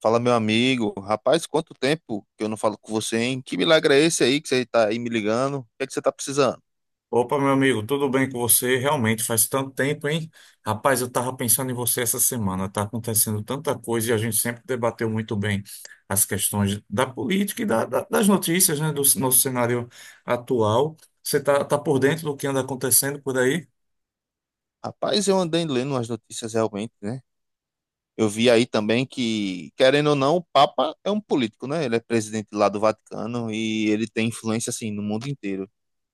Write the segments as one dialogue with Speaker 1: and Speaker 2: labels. Speaker 1: Fala, meu amigo. Rapaz, quanto tempo que eu não falo com você, hein? Que milagre é esse aí que você tá aí me ligando? O que é que você tá precisando?
Speaker 2: Opa, meu amigo, tudo bem com você? Realmente faz tanto tempo, hein? Rapaz, eu tava pensando em você essa semana. Tá acontecendo tanta coisa e a gente sempre debateu muito bem as questões da política e das notícias, né, do nosso cenário atual. Você tá por dentro do que anda acontecendo por aí?
Speaker 1: Rapaz, eu andei lendo umas notícias realmente, né? Eu vi aí também que, querendo ou não, o Papa é um político, né? Ele é presidente lá do Vaticano e ele tem influência, assim, no mundo inteiro.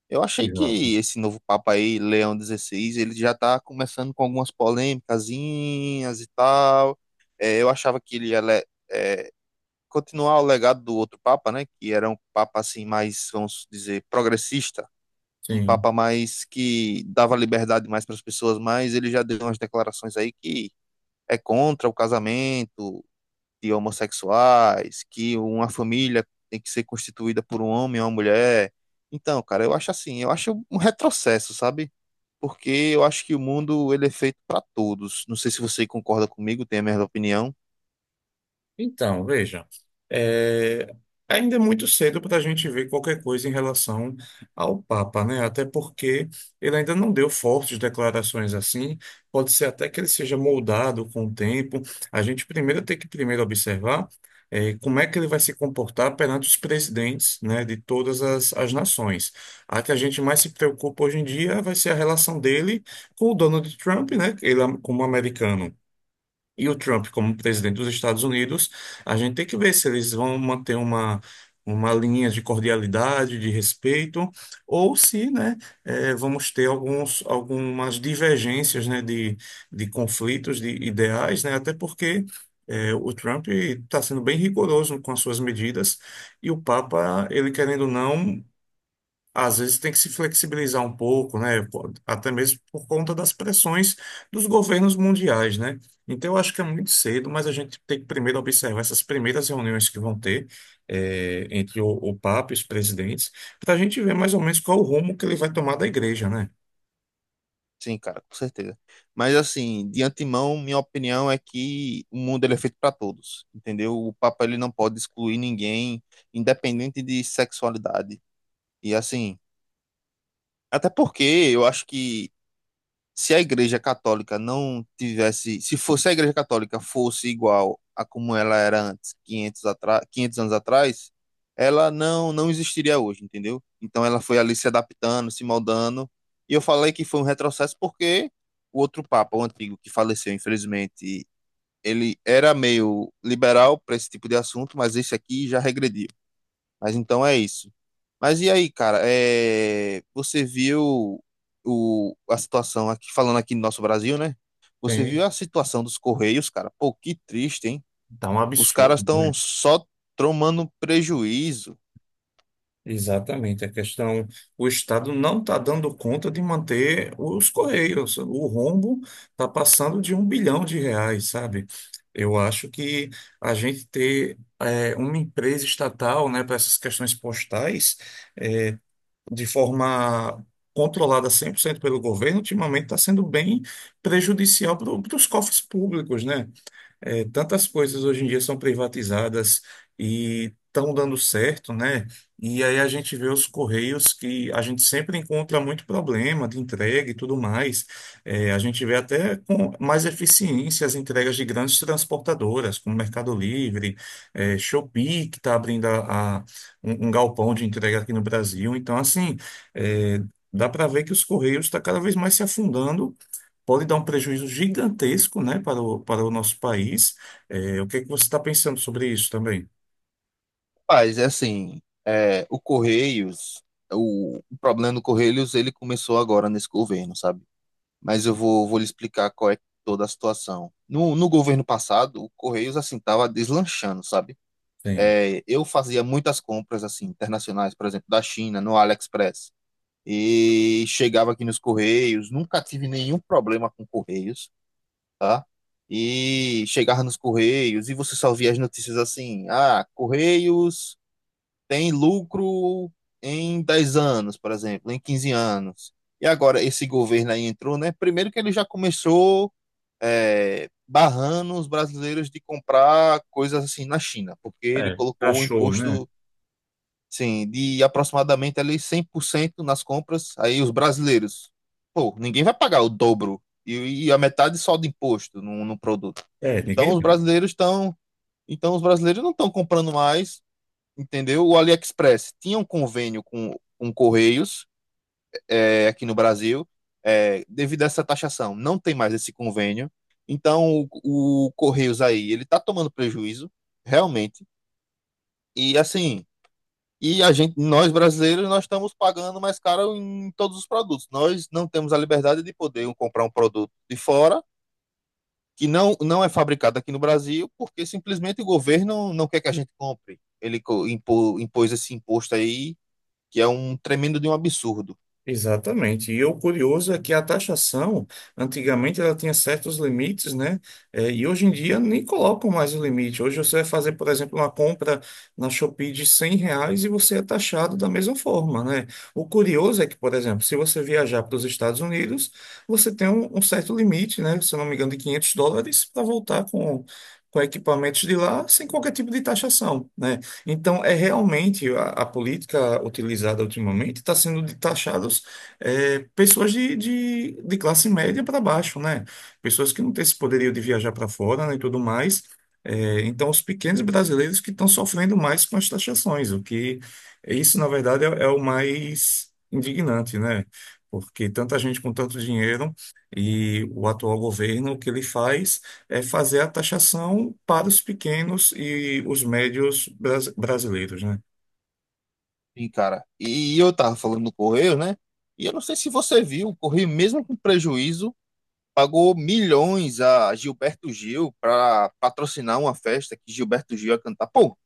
Speaker 1: Eu achei
Speaker 2: Exato.
Speaker 1: que esse novo Papa aí, Leão XVI, ele já tá começando com algumas polêmicazinhas e tal. É, eu achava que ele ia continuar o legado do outro Papa, né, que era um Papa assim mais, vamos dizer, progressista, um
Speaker 2: Sim.
Speaker 1: Papa mais que dava liberdade mais para as pessoas, mas ele já deu umas declarações aí que é contra o casamento de homossexuais, que uma família tem que ser constituída por um homem e uma mulher. Então, cara, eu acho assim, eu acho um retrocesso, sabe? Porque eu acho que o mundo ele é feito para todos. Não sei se você concorda comigo, tem a mesma opinião.
Speaker 2: Então, veja, é, ainda é muito cedo para a gente ver qualquer coisa em relação ao Papa, né? Até porque ele ainda não deu fortes declarações assim. Pode ser até que ele seja moldado com o tempo. A gente primeiro tem que primeiro observar como é que ele vai se comportar perante os presidentes, né, de todas as nações. A que a gente mais se preocupa hoje em dia vai ser a relação dele com o Donald Trump, né? Ele é um, como americano, e o Trump como presidente dos Estados Unidos, a gente tem que ver se eles vão manter uma linha de cordialidade, de respeito, ou se, né, vamos ter algumas divergências, né, de conflitos, de ideais, né, até porque o Trump está sendo bem rigoroso com as suas medidas e o Papa, ele querendo ou não, às vezes tem que se flexibilizar um pouco, né? Pô, até mesmo por conta das pressões dos governos mundiais, né? Então, eu acho que é muito cedo, mas a gente tem que primeiro observar essas primeiras reuniões que vão ter entre o Papa e os presidentes, para a gente ver mais ou menos qual o rumo que ele vai tomar da igreja, né?
Speaker 1: Sim, cara, com certeza. Mas assim, de antemão, minha opinião é que o mundo ele é feito para todos, entendeu? O Papa ele não pode excluir ninguém, independente de sexualidade. E assim, até porque eu acho que se a Igreja Católica não tivesse, se fosse a Igreja Católica fosse igual a como ela era antes, 500 anos atrás, ela não existiria hoje, entendeu? Então ela foi ali se adaptando, se moldando, e eu falei que foi um retrocesso porque o outro Papa, o antigo, que faleceu, infelizmente, ele era meio liberal para esse tipo de assunto, mas esse aqui já regrediu. Mas então é isso. Mas e aí, cara? Você viu a situação aqui, falando aqui no nosso Brasil, né? Você
Speaker 2: Tem,
Speaker 1: viu a situação dos Correios, cara? Pô, que triste, hein?
Speaker 2: tá um
Speaker 1: Os caras
Speaker 2: absurdo,
Speaker 1: estão
Speaker 2: né?
Speaker 1: só tomando prejuízo.
Speaker 2: Exatamente, a questão, o Estado não está dando conta de manter os Correios. O rombo está passando de um bilhão de reais, sabe? Eu acho que a gente ter uma empresa estatal, né, para essas questões postais, de forma controlada 100% pelo governo, ultimamente está sendo bem prejudicial para os cofres públicos, né? É, tantas coisas hoje em dia são privatizadas e estão dando certo, né? E aí a gente vê os Correios, que a gente sempre encontra muito problema de entrega e tudo mais. É, a gente vê até com mais eficiência as entregas de grandes transportadoras, como Mercado Livre, Shopee, que está abrindo um galpão de entrega aqui no Brasil. Então, assim, é, dá para ver que os Correios estão cada vez mais se afundando, pode dar um prejuízo gigantesco, né, para para o nosso país. É, o que é que você está pensando sobre isso também?
Speaker 1: Mas, é assim, o Correios, o problema do Correios, ele começou agora nesse governo, sabe? Mas eu vou lhe explicar qual é toda a situação. No governo passado, o Correios, assim, tava deslanchando, sabe?
Speaker 2: Sim.
Speaker 1: Eu fazia muitas compras assim internacionais, por exemplo, da China, no AliExpress. E chegava aqui nos Correios, nunca tive nenhum problema com Correios, tá? E chegava nos Correios e você só via as notícias assim: ah, Correios tem lucro em 10 anos, por exemplo, em 15 anos. E agora esse governo aí entrou, né? Primeiro que ele já começou barrando os brasileiros de comprar coisas assim na China, porque ele
Speaker 2: É,
Speaker 1: colocou o
Speaker 2: cachorro, né?
Speaker 1: imposto. Sim, de aproximadamente ali 100% nas compras. Aí os brasileiros, pô, ninguém vai pagar o dobro e a metade só de imposto no produto.
Speaker 2: É,
Speaker 1: Então
Speaker 2: ninguém
Speaker 1: os
Speaker 2: vai.
Speaker 1: brasileiros estão, então os brasileiros não estão comprando mais, entendeu? O AliExpress tinha um convênio com Correios aqui no Brasil, devido a essa taxação, não tem mais esse convênio. Então o Correios aí, ele tá tomando prejuízo, realmente. E assim, e a gente, nós brasileiros, nós estamos pagando mais caro em todos os produtos. Nós não temos a liberdade de poder um comprar um produto de fora que não é fabricado aqui no Brasil, porque simplesmente o governo não quer que a gente compre. Ele impôs esse imposto aí, que é um tremendo de um absurdo.
Speaker 2: Exatamente. E o curioso é que a taxação, antigamente ela tinha certos limites, né? Eh, e hoje em dia nem colocam mais o limite. Hoje você vai fazer, por exemplo, uma compra na Shopee de 100 reais e você é taxado da mesma forma, né? O curioso é que, por exemplo, se você viajar para os Estados Unidos, você tem um certo limite, né? Se eu não me engano, de 500 dólares para voltar com equipamentos de lá sem qualquer tipo de taxação, né? Então, é realmente a política utilizada ultimamente está sendo de taxados pessoas de classe média para baixo, né? Pessoas que não têm esse poderio de viajar para fora, né, e tudo mais. É, então, os pequenos brasileiros que estão sofrendo mais com as taxações, o que isso, na verdade, é o mais indignante, né? Porque tanta gente com tanto dinheiro e o atual governo, o que ele faz? É fazer a taxação para os pequenos e os médios brasileiros, né?
Speaker 1: E, cara, e eu tava falando do Correio, né? E eu não sei se você viu, o Correio, mesmo com prejuízo, pagou milhões a Gilberto Gil para patrocinar uma festa que Gilberto Gil ia cantar. Pô,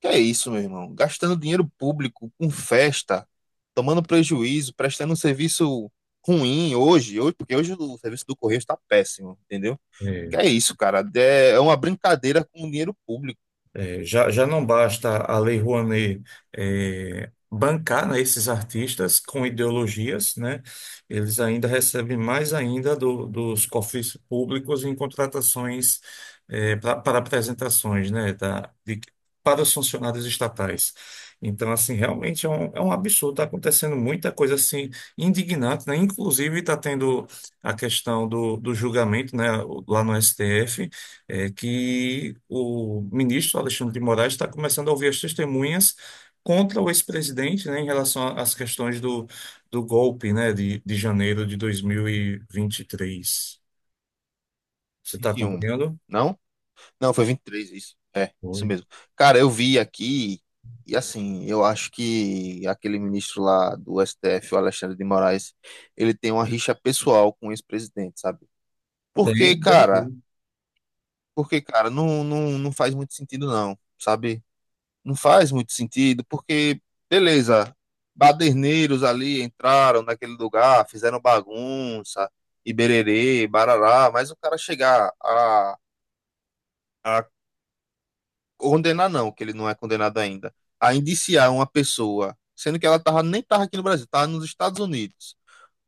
Speaker 1: que é isso, meu irmão? Gastando dinheiro público com festa, tomando prejuízo, prestando um serviço ruim hoje, hoje, porque hoje o serviço do Correio está péssimo, entendeu? Que é isso, cara? É uma brincadeira com o dinheiro público.
Speaker 2: É, já não basta a Lei Rouanet bancar, né, esses artistas com ideologias, né? Eles ainda recebem mais ainda dos cofres públicos em contratações para apresentações, né, para os funcionários estatais. Então, assim, realmente é um absurdo. Está acontecendo muita coisa assim indignante, né? Inclusive está tendo a questão do julgamento, né, lá no STF, é que o ministro Alexandre de Moraes está começando a ouvir as testemunhas contra o ex-presidente, né, em relação às questões do, do golpe, né, de janeiro de 2023. Você está
Speaker 1: Vinte e um
Speaker 2: acompanhando?
Speaker 1: Não? Não, foi 23 isso. É, isso
Speaker 2: Oi.
Speaker 1: mesmo. Cara, eu vi aqui, e assim, eu acho que aquele ministro lá do STF, o Alexandre de Moraes, ele tem uma rixa pessoal com o ex-presidente, sabe? Porque,
Speaker 2: Tem, deve
Speaker 1: cara,
Speaker 2: ter.
Speaker 1: Porque, cara, não faz muito sentido, não, sabe? Não faz muito sentido, porque, beleza, baderneiros ali entraram naquele lugar, fizeram bagunça, e bererê, barará, mas o cara chegar a, condenar, não, que ele não é condenado ainda, a indiciar uma pessoa, sendo que ela nem tava aqui no Brasil, tava nos Estados Unidos.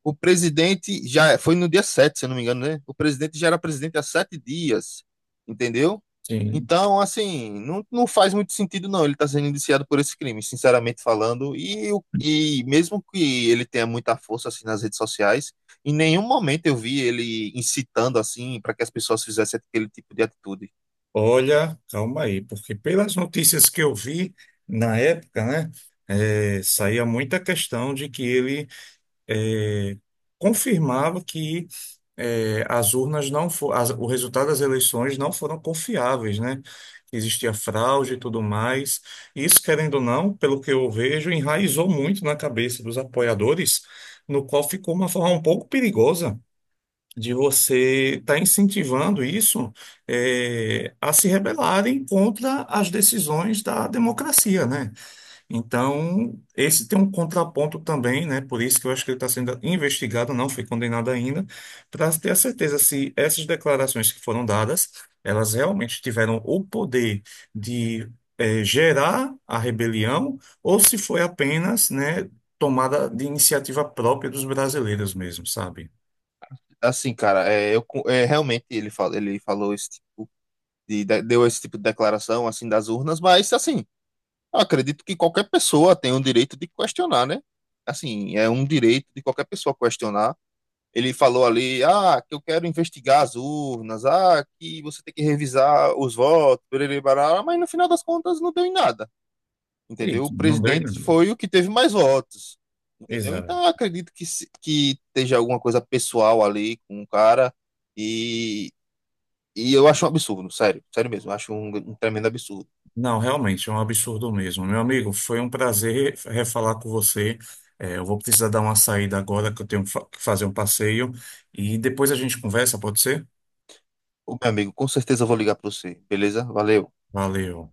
Speaker 1: O presidente já foi no dia 7, se eu não me engano, né? O presidente já era presidente há 7 dias, entendeu?
Speaker 2: Sim.
Speaker 1: Então, assim, não faz muito sentido, não. Ele está sendo indiciado por esse crime, sinceramente falando. E mesmo que ele tenha muita força assim nas redes sociais, em nenhum momento eu vi ele incitando assim para que as pessoas fizessem aquele tipo de atitude.
Speaker 2: Olha, calma aí, porque pelas notícias que eu vi na época, né, saía muita questão de que ele eh, confirmava que as urnas não o resultado das eleições não foram confiáveis, né? Existia fraude e tudo mais. Isso, querendo ou não, pelo que eu vejo, enraizou muito na cabeça dos apoiadores, no qual ficou uma forma um pouco perigosa de você estar incentivando isso, a se rebelarem contra as decisões da democracia, né? Então, esse tem um contraponto também, né? Por isso que eu acho que ele está sendo investigado, não foi condenado ainda, para ter a certeza se essas declarações que foram dadas, elas realmente tiveram o poder de gerar a rebelião ou se foi apenas, né, tomada de iniciativa própria dos brasileiros mesmo, sabe?
Speaker 1: Assim, cara, realmente ele falou esse tipo de- deu esse tipo de declaração assim das urnas, mas assim. Eu acredito que qualquer pessoa tem o direito de questionar, né? Assim, é um direito de qualquer pessoa questionar. Ele falou ali, ah, que eu quero investigar as urnas, ah, que você tem que revisar os votos, perere, barará, mas no final das contas não deu em nada, entendeu? O
Speaker 2: Isso, não deu em
Speaker 1: presidente
Speaker 2: nada.
Speaker 1: foi o que teve mais votos, entendeu?
Speaker 2: Exato.
Speaker 1: Então eu acredito que, se- que esteja alguma coisa pessoal ali com o cara e, e eu acho um absurdo, sério, sério mesmo, eu acho um tremendo absurdo.
Speaker 2: Não, realmente, é um absurdo mesmo. Meu amigo, foi um prazer refalar com você. É, eu vou precisar dar uma saída agora, que eu tenho que fazer um passeio. E depois a gente conversa, pode ser?
Speaker 1: Ô, meu amigo, com certeza eu vou ligar para você, beleza? Valeu.
Speaker 2: Valeu.